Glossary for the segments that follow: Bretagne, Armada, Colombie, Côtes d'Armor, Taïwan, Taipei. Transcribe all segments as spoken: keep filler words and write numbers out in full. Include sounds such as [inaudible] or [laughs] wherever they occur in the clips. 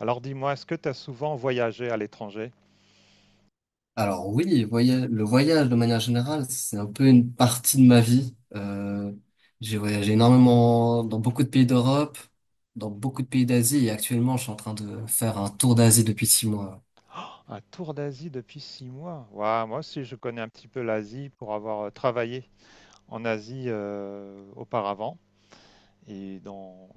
Alors dis-moi, est-ce que tu as souvent voyagé à l'étranger? Alors oui, voya- le voyage de manière générale, c'est un peu une partie de ma vie. Euh, j'ai voyagé énormément dans beaucoup de pays d'Europe, dans beaucoup de pays d'Asie et actuellement je suis en train de faire un tour d'Asie depuis six mois. Un tour d'Asie depuis six mois. Ouah, moi aussi, je connais un petit peu l'Asie pour avoir euh, travaillé en Asie euh, auparavant. Et dans,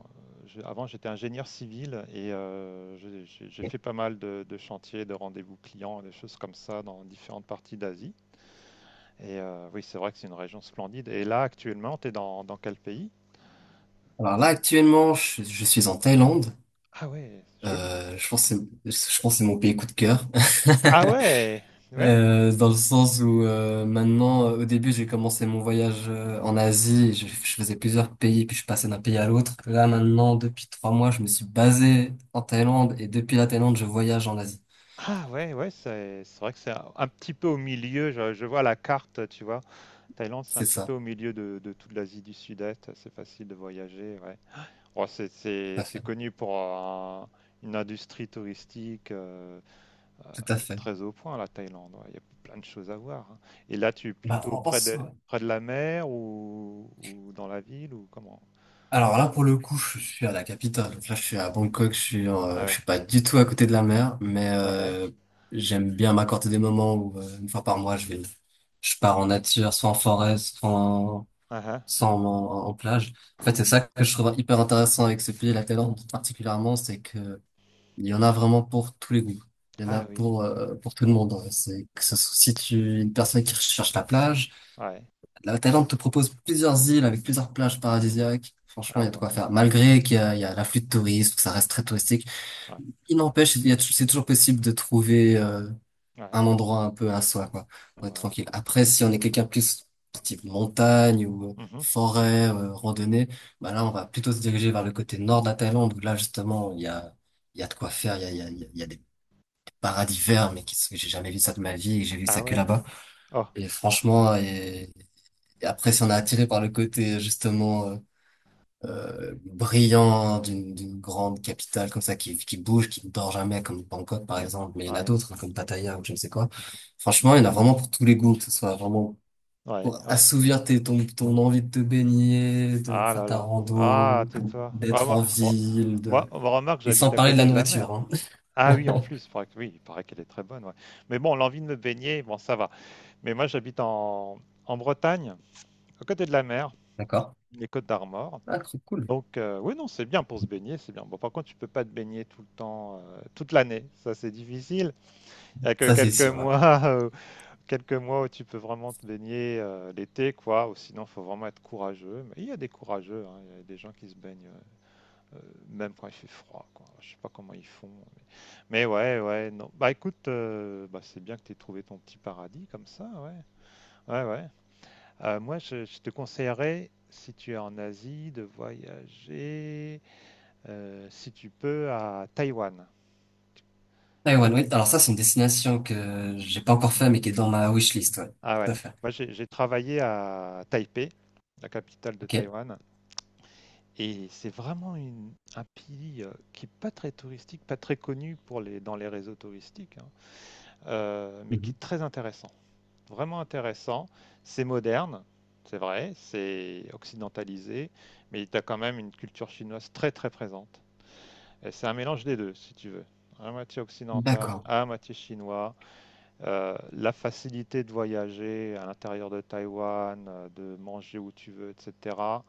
je- avant, j'étais ingénieur civil et euh, j'ai j'ai- j'ai fait pas mal de, de chantiers, de rendez-vous clients, des choses comme ça dans différentes parties d'Asie. Et euh, oui, c'est vrai que c'est une région splendide. Et là, actuellement, tu es dans, dans quel pays? Alors là actuellement je, je suis en Thaïlande. Ah ouais, joli. Euh, je pense que c'est, je pense que c'est mon pays coup de cœur. Ah [laughs] ouais, ouais. Euh, dans le sens où euh, maintenant, euh, au début, j'ai commencé mon voyage euh, en Asie, et je, je faisais plusieurs pays, puis je passais d'un pays à l'autre. Là, maintenant, depuis trois mois, je me suis basé en Thaïlande, et depuis la Thaïlande, je voyage en Asie. Ah ouais, ouais, c'est c'est vrai que c'est un, un petit peu au milieu. Je, je vois la carte, tu vois. Thaïlande, c'est un C'est petit peu ça, au milieu de, de toute l'Asie du Sud-Est. C'est facile de voyager, ouais. Bon, c'est tout c'est- à c'est fait, connu pour un- une industrie touristique euh, euh, tout à fait. très au point, la Thaïlande. Ouais. Il y a plein de choses à voir, hein. Et là, tu es Bah, plutôt en- en près de, soi, ouais. près de la mer ou, ou dans la ville ou comment? Alors là, pour le coup, je suis à la capitale. Donc là, je suis à Bangkok, je suis, en- Ah euh, je ouais, suis pas du tout à côté de la mer, mais ouais, ouais. euh, j'aime bien m'accorder des moments où, euh, une fois par mois, je vais, je pars en nature, soit en forêt, soit en Ah, ah. sans en, en plage. En fait, c'est ça que je trouve hyper intéressant avec ce pays, la Thaïlande particulièrement, c'est que il y en a vraiment pour tous les goûts. Il y en a Ah oui, pour euh, pour tout le ouais, monde, hein. C'est que ce soit si tu es une personne qui recherche la plage, ouais. la Thaïlande te propose plusieurs îles avec plusieurs plages paradisiaques. Franchement, Ah il y a de ouais, quoi faire. Malgré qu'il y a, il y a l'afflux de touristes, que ça reste très touristique, ouais, il n'empêche, il y a tou- c'est toujours possible de trouver euh, ouais, un ouais. endroit un peu à soi, quoi, pour être tranquille. Après, si on est quelqu'un plus type montagne ou euh, Mhm. forêt, euh, randonnée, bah là, on va plutôt se diriger vers le côté nord de la Thaïlande, où là, justement, il y a, il y a de quoi faire, il y a, il y a, il y a il y a des paradis verts, mais qui, sont- j'ai jamais vu ça de ma vie, et j'ai vu Ah ça que ouais. là-bas. Ah, Et franchement, et, et après, si on est attiré par le côté, justement, euh, euh, brillant d'une d'une grande capitale comme ça qui, qui bouge, qui ne dort jamais comme Bangkok par exemple, mais il y en a ouais. d'autres hein, comme Pattaya ou je ne sais quoi. Mhm. Franchement, il y en a vraiment pour tous les goûts, que ce soit vraiment Ouais, pour ouais. assouvir tes, ton, ton envie de te baigner, de Ah faire là ta là. Ah, rando, tais-toi. Ah, d'être moi, en oh, ville, moi, de... on remarque, et sans j'habite à parler de la côté de la mer. nourriture, hein. Ah oui, en plus, il paraît que- oui, il paraît qu'elle est très bonne, ouais. Mais bon, l'envie de me baigner, bon, ça va. Mais moi, j'habite en, en Bretagne, à côté de la mer, [laughs] D'accord? les Côtes d'Armor. Ah, trop cool. Donc, euh, oui, non, c'est bien pour se baigner, c'est bien. Bon, par contre, tu peux pas te baigner tout le temps, euh, toute l'année. Ça, c'est difficile. Il y a que Ça, c'est quelques sûr, ouais. mois [laughs] quelques mois où tu peux vraiment te baigner euh, l'été, quoi. Ou sinon, faut vraiment être courageux. Mais il y a des courageux, hein. Il y a des gens qui se baignent euh, euh, même quand il fait froid, quoi. Je sais pas comment ils font. Mais, mais ouais, ouais, non. Bah écoute, euh, bah, c'est bien que tu aies trouvé ton petit paradis comme ça, ouais. Ouais, ouais. Euh, moi, je, je te conseillerais, si tu es en Asie, de voyager, euh, si tu peux, à Taïwan. Taï- Taïwan, oui. Alors ça, c'est une destination que j'ai pas encore fait, mais qui est dans ma wishlist, ouais. Ah ouais. Tout à fait. Moi, j'ai j'ai travaillé à Taipei, la capitale de Ok. Taïwan. Et c'est vraiment une un pays, heu, qui est pas très touristique, pas très connu pour les dans les réseaux touristiques, hein, heu, mais qui Mhm. est très intéressant, vraiment intéressant. C'est moderne, c'est vrai, c'est occidentalisé, mais tu as quand même une culture chinoise très, très présente et c'est un mélange des deux, si tu veux. À moitié occidental, D'accord. à moitié chinois, heu, la facilité de voyager à l'intérieur de Taïwan, heu, de manger où tu veux et cetera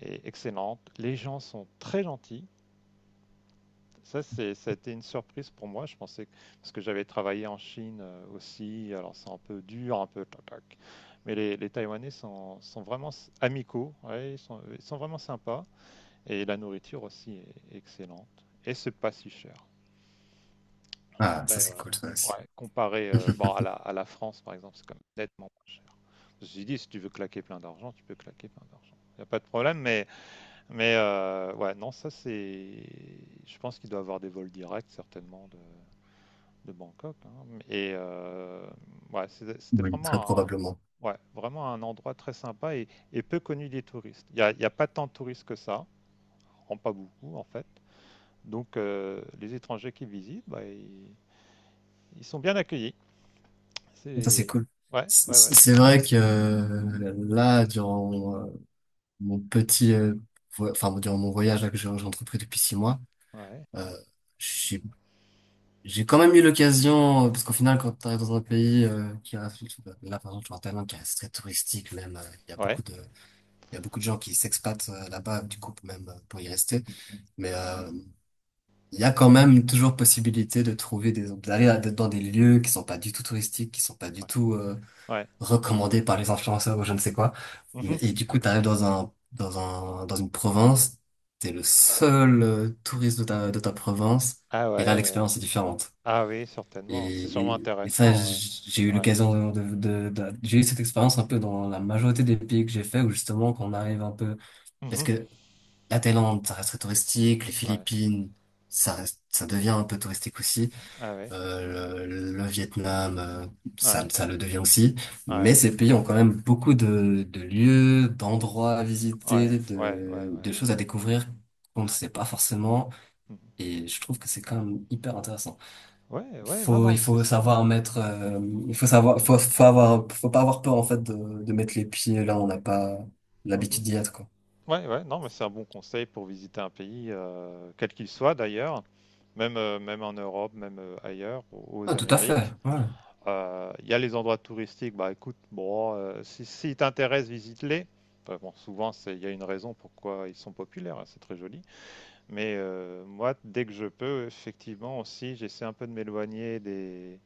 est excellente. Les gens sont très gentils. Ça, c'est, ça a été une surprise pour moi. Je pensais que, parce que j'avais travaillé en Chine euh, aussi, alors c'est un peu dur, un peu tac, tac. Mais les, les Taïwanais sont, sont vraiment s- amicaux, ouais, ils sont, ils sont vraiment sympas. Et la nourriture aussi est excellente. Et c'est pas si cher. Je Ah, ça, dirais, c'est euh, cool, ça aussi. ouais, comparé euh, bon, [laughs] à la, à la France, par exemple, c'est quand même nettement moins cher. Je me suis dit, si tu veux claquer plein d'argent, tu peux claquer plein d'argent. Il n'y a pas de problème, mais, mais euh, ouais, non, ça c'est. Je pense qu'il doit avoir des vols directs, certainement, de, de Bangkok, hein. Et euh, ouais, c'était c'était Oui, très vraiment, probablement. un, ouais, vraiment un endroit très sympa et, et peu connu des touristes. Il n'y a, il y a pas tant de touristes que ça, en pas beaucoup en fait. Donc euh, les étrangers qui visitent, bah, ils, ils sont bien accueillis. Ça, c'est C'est cool. ouais, C'est ouais, ouais, c'est- c'est c'est vrai cool. que euh, là, durant euh, mon petit, euh, vo- enfin, durant mon voyage là, que j'ai j'ai entrepris depuis six mois, Ouais, euh, j'ai j'ai quand même eu l'occasion, euh, parce qu'au final, quand tu arrives dans un pays euh, qui reste, là, par exemple, je suis en Thaïlande, qui reste très touristique, même, euh, il y a ouais, beaucoup de, il y a beaucoup de gens qui s'expatent euh, là-bas, du coup, même euh, pour y rester. Mais euh, il y a quand même toujours possibilité de trouver des, d'aller à- dans des lieux qui sont pas du tout touristiques, qui sont pas ouais, du tout euh, ouais. Ouais. recommandé par les influenceurs ou je ne sais quoi. Mais- Mhm. Et du coup, t'arrives dans un, dans un, dans une province, t'es le seul euh, touriste de ta, de ta province, Ah et là, ouais, l'expérience est différente. ah oui, certainement. C'est Et, sûrement et, et ça, intéressant. Ouais, j- j'ai eu ouais. l'occasion de, de, de- j'ai eu cette expérience un peu dans la majorité des pays que j'ai fait, où justement, qu'on arrive un peu, parce Mhm. que la Thaïlande, ça reste très touristique, les Ouais, Philippines, ça reste, ça devient un peu touristique aussi. ah ouais, Euh, le, le Vietnam, euh, ça, ouais, ça le devient aussi. ouais, ouais, Mais ces pays ont quand même beaucoup de, de lieux, d'endroits à ouais, visiter, ouais, ouais, ouais, de, de ouais. choses à découvrir qu'on ne sait pas forcément. Mmh. Et je trouve que c'est quand même hyper intéressant. Ouais, ouais, non, Faut, non, il mais c'est faut c'est bien. savoir mettre, euh, il faut savoir, faut, faut avoir, faut pas avoir peur en fait de, de mettre les pieds là où on n'a pas Mhm. l'habitude d'y être, quoi. Ouais, ouais, non, mais c'est un bon conseil pour visiter un pays, euh, quel qu'il soit d'ailleurs, même, euh, même en Europe, même euh, ailleurs, aux, aux Ah, tout à fait. Amériques. Ouais, Euh, Il y a les endroits touristiques, bah écoute, bon, euh, si, si t'intéresse, visite-les. Enfin, bon, souvent, c'est, il y a une raison pourquoi ils sont populaires, hein, c'est très joli. Mais euh, moi, dès que je peux, effectivement, aussi, j'essaie un peu de m'éloigner des,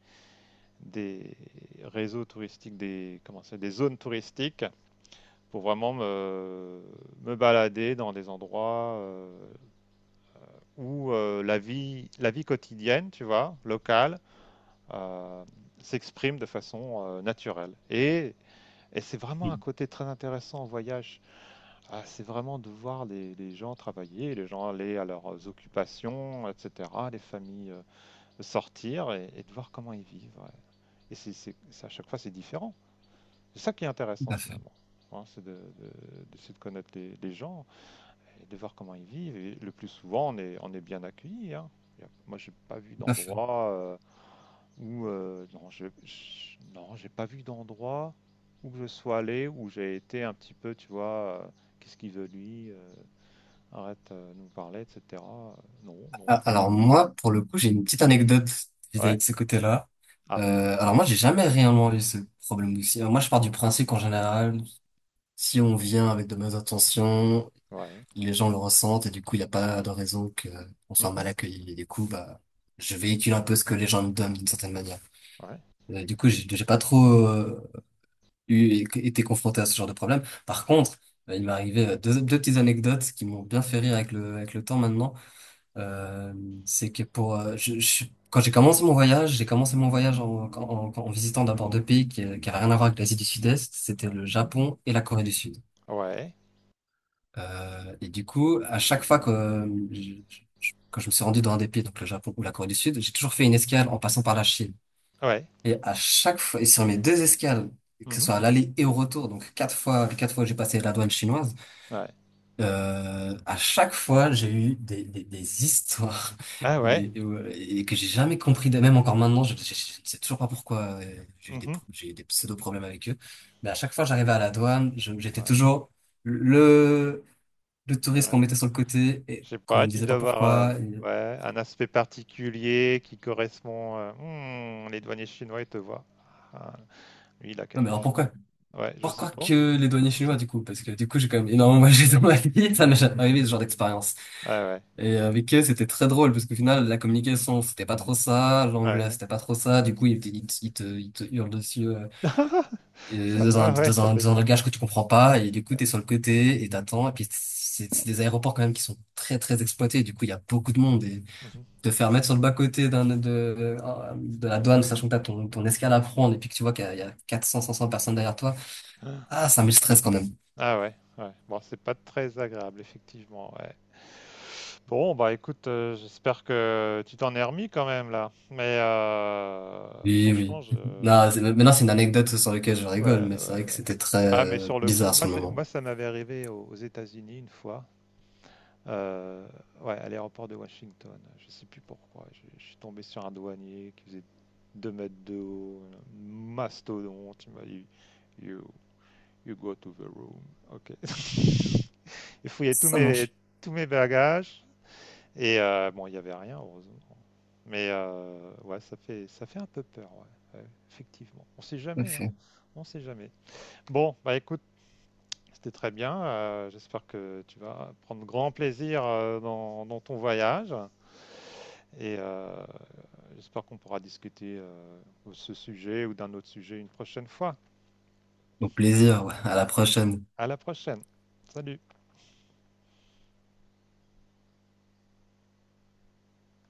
des réseaux touristiques, des, comment c'est, des zones touristiques pour vraiment me, me balader dans des endroits euh, où euh, la, vie, la vie quotidienne, tu vois, locale, euh, s'exprime de façon euh, naturelle. Et, et c'est vraiment un Mm, côté très intéressant en voyage. Ah, c'est vraiment de voir les, les gens travailler, les gens aller à leurs occupations, et cetera, les familles euh, sortir et, et de voir comment ils vivent, ouais. Et c'est, c'est- c'est- à chaque fois, c'est différent. C'est ça qui est tout intéressant à fait, finalement. Hein, c'est de, de- d'essayer de connaître les, les gens et de voir comment ils vivent. Et le plus souvent, on est, on est bien accueilli, hein. Y a- Moi, j'ai pas vu tout à fait. d'endroit euh, où euh, non, je, je- non, j'ai pas vu d'endroit où que je sois allé où j'ai été un petit peu, tu vois, euh, qu'est-ce qu'il veut lui, euh, arrête euh, de nous parler, et cetera. Euh, non, non, Ah, c'est- alors moi, pour le coup, j'ai une petite anecdote vis-à-vis Ouais. de ce côté-là. Ah, Euh, alors moi, j'ai jamais réellement eu ce problème aussi. Moi, je pars du principe qu'en général, si on vient avec de bonnes intentions, ouais. les gens le ressentent et du coup, il n'y a pas de raison que on soit Mhm. mal accueilli. Et du coup, bah, je véhicule un peu ce que les gens me donnent d'une certaine manière. Ouais. Euh, du coup, j'ai j'ai pas trop euh, eu été confronté à ce genre de problème. Par contre, euh, il m'est arrivé euh, deux, deux petites anecdotes qui m'ont bien fait rire avec le avec le temps maintenant. Euh, c'est que pour euh, je, je- quand j'ai commencé mon voyage, j'ai commencé mon voyage en, en, en- en visitant d'abord deux pays qui, qui avaient rien à voir avec l'Asie du Sud-Est, c'était Ouais. le Japon et la Corée du Sud. Ouais. Euh, et du coup, à chaque fois que euh, je- je- quand je me suis rendu dans un des pays, donc le Japon ou la Corée du Sud, j'ai toujours fait une escale en passant par la Chine. Ouais. Et à chaque fois, et sur mes deux escales, que ce Mhm. soit à l'aller et au retour, donc quatre fois, les quatre fois que j'ai passé la douane chinoise. Ouais. Euh, à chaque fois, j'ai eu des, des, des histoires Ah [laughs] où ouais. les, où- et que j'ai jamais compris, même encore maintenant, je, je- je ne sais toujours pas pourquoi euh, j'ai eu des, Mhm. pro- j'ai eu des pseudo-problèmes avec eux. Mais à chaque fois, j'arrivais à la douane, je- j'étais Ouais. toujours le, le touriste qu'on Ouais. mettait sur le côté et Je sais qu'on pas, me tu disait pas dois avoir euh, pourquoi. Et- ouais, un aspect particulier qui correspond. euh, Hmm, les douaniers chinois, ils te voient. Ah, lui, il a Non, mais quelque alors chose. pourquoi? Ouais, je sais Pourquoi pas. que les douaniers chinois, du coup? Parce que du coup, j'ai quand même énormément [laughs] voyagé dans ma vie, ça m'est jamais arrivé ce genre d'expérience. Ah ouais, Et avec eux, c'était très drôle parce qu'au final, la communication, c'était pas trop ça, l'anglais, ouais. c'était pas trop ça. Du coup, ils te, ils te, ils te, ils te hurlent dessus euh, euh, Ça dans un, va, ouais, dans ça un, fait dans un peur. langage que tu comprends pas. Et du coup, Ouais. t'es sur le côté et t'attends. Et puis, c'est c'est des aéroports quand même qui sont très, très exploités. Du coup, il y a beaucoup de monde. Et Mhm. te faire mettre sur le bas-côté d'un, de, de, de la douane, sachant que t'as ton, ton escale à prendre et puis que tu vois qu'il y a, il y a quatre cents, cinq cents personnes derrière toi, ah, ça met le stress quand même. Ah ouais, ouais. Bon, c'est pas très agréable, effectivement. Ouais. Bon, bah écoute, euh, j'espère que tu t'en es remis quand même là. Mais euh, Oui, franchement, oui. je. [laughs] Non, c'est- Maintenant, c'est une anecdote sur laquelle je rigole, Ouais, mais c'est ouais, vrai que ouais. c'était très Ah, mais euh, sur le coup, bizarre moi, sur le c'est, moment. moi, ça m'avait arrivé aux, aux États-Unis une fois. Euh, ouais, à l'aéroport de Washington. Je sais plus pourquoi. Je, je suis tombé sur un douanier qui faisait deux mètres de haut, un mastodonte. Il m'a dit you, you go to the room. Ok. [laughs] Il fouillait tous Ça mes, marche. tous mes bagages. Et euh, bon, il n'y avait rien, heureusement. Mais euh, ouais, ça fait, ça fait un peu peur, ouais. Ouais, effectivement. On ne sait jamais, hein. Parfait. On sait jamais. Bon, bah écoute, c'était très bien. Euh, J'espère que tu vas prendre grand plaisir euh, dans, dans ton voyage. Et euh, j'espère qu'on pourra discuter euh, de ce sujet ou d'un autre sujet une prochaine fois. Au plaisir, ouais. À la Grand. prochaine. À la prochaine. Salut.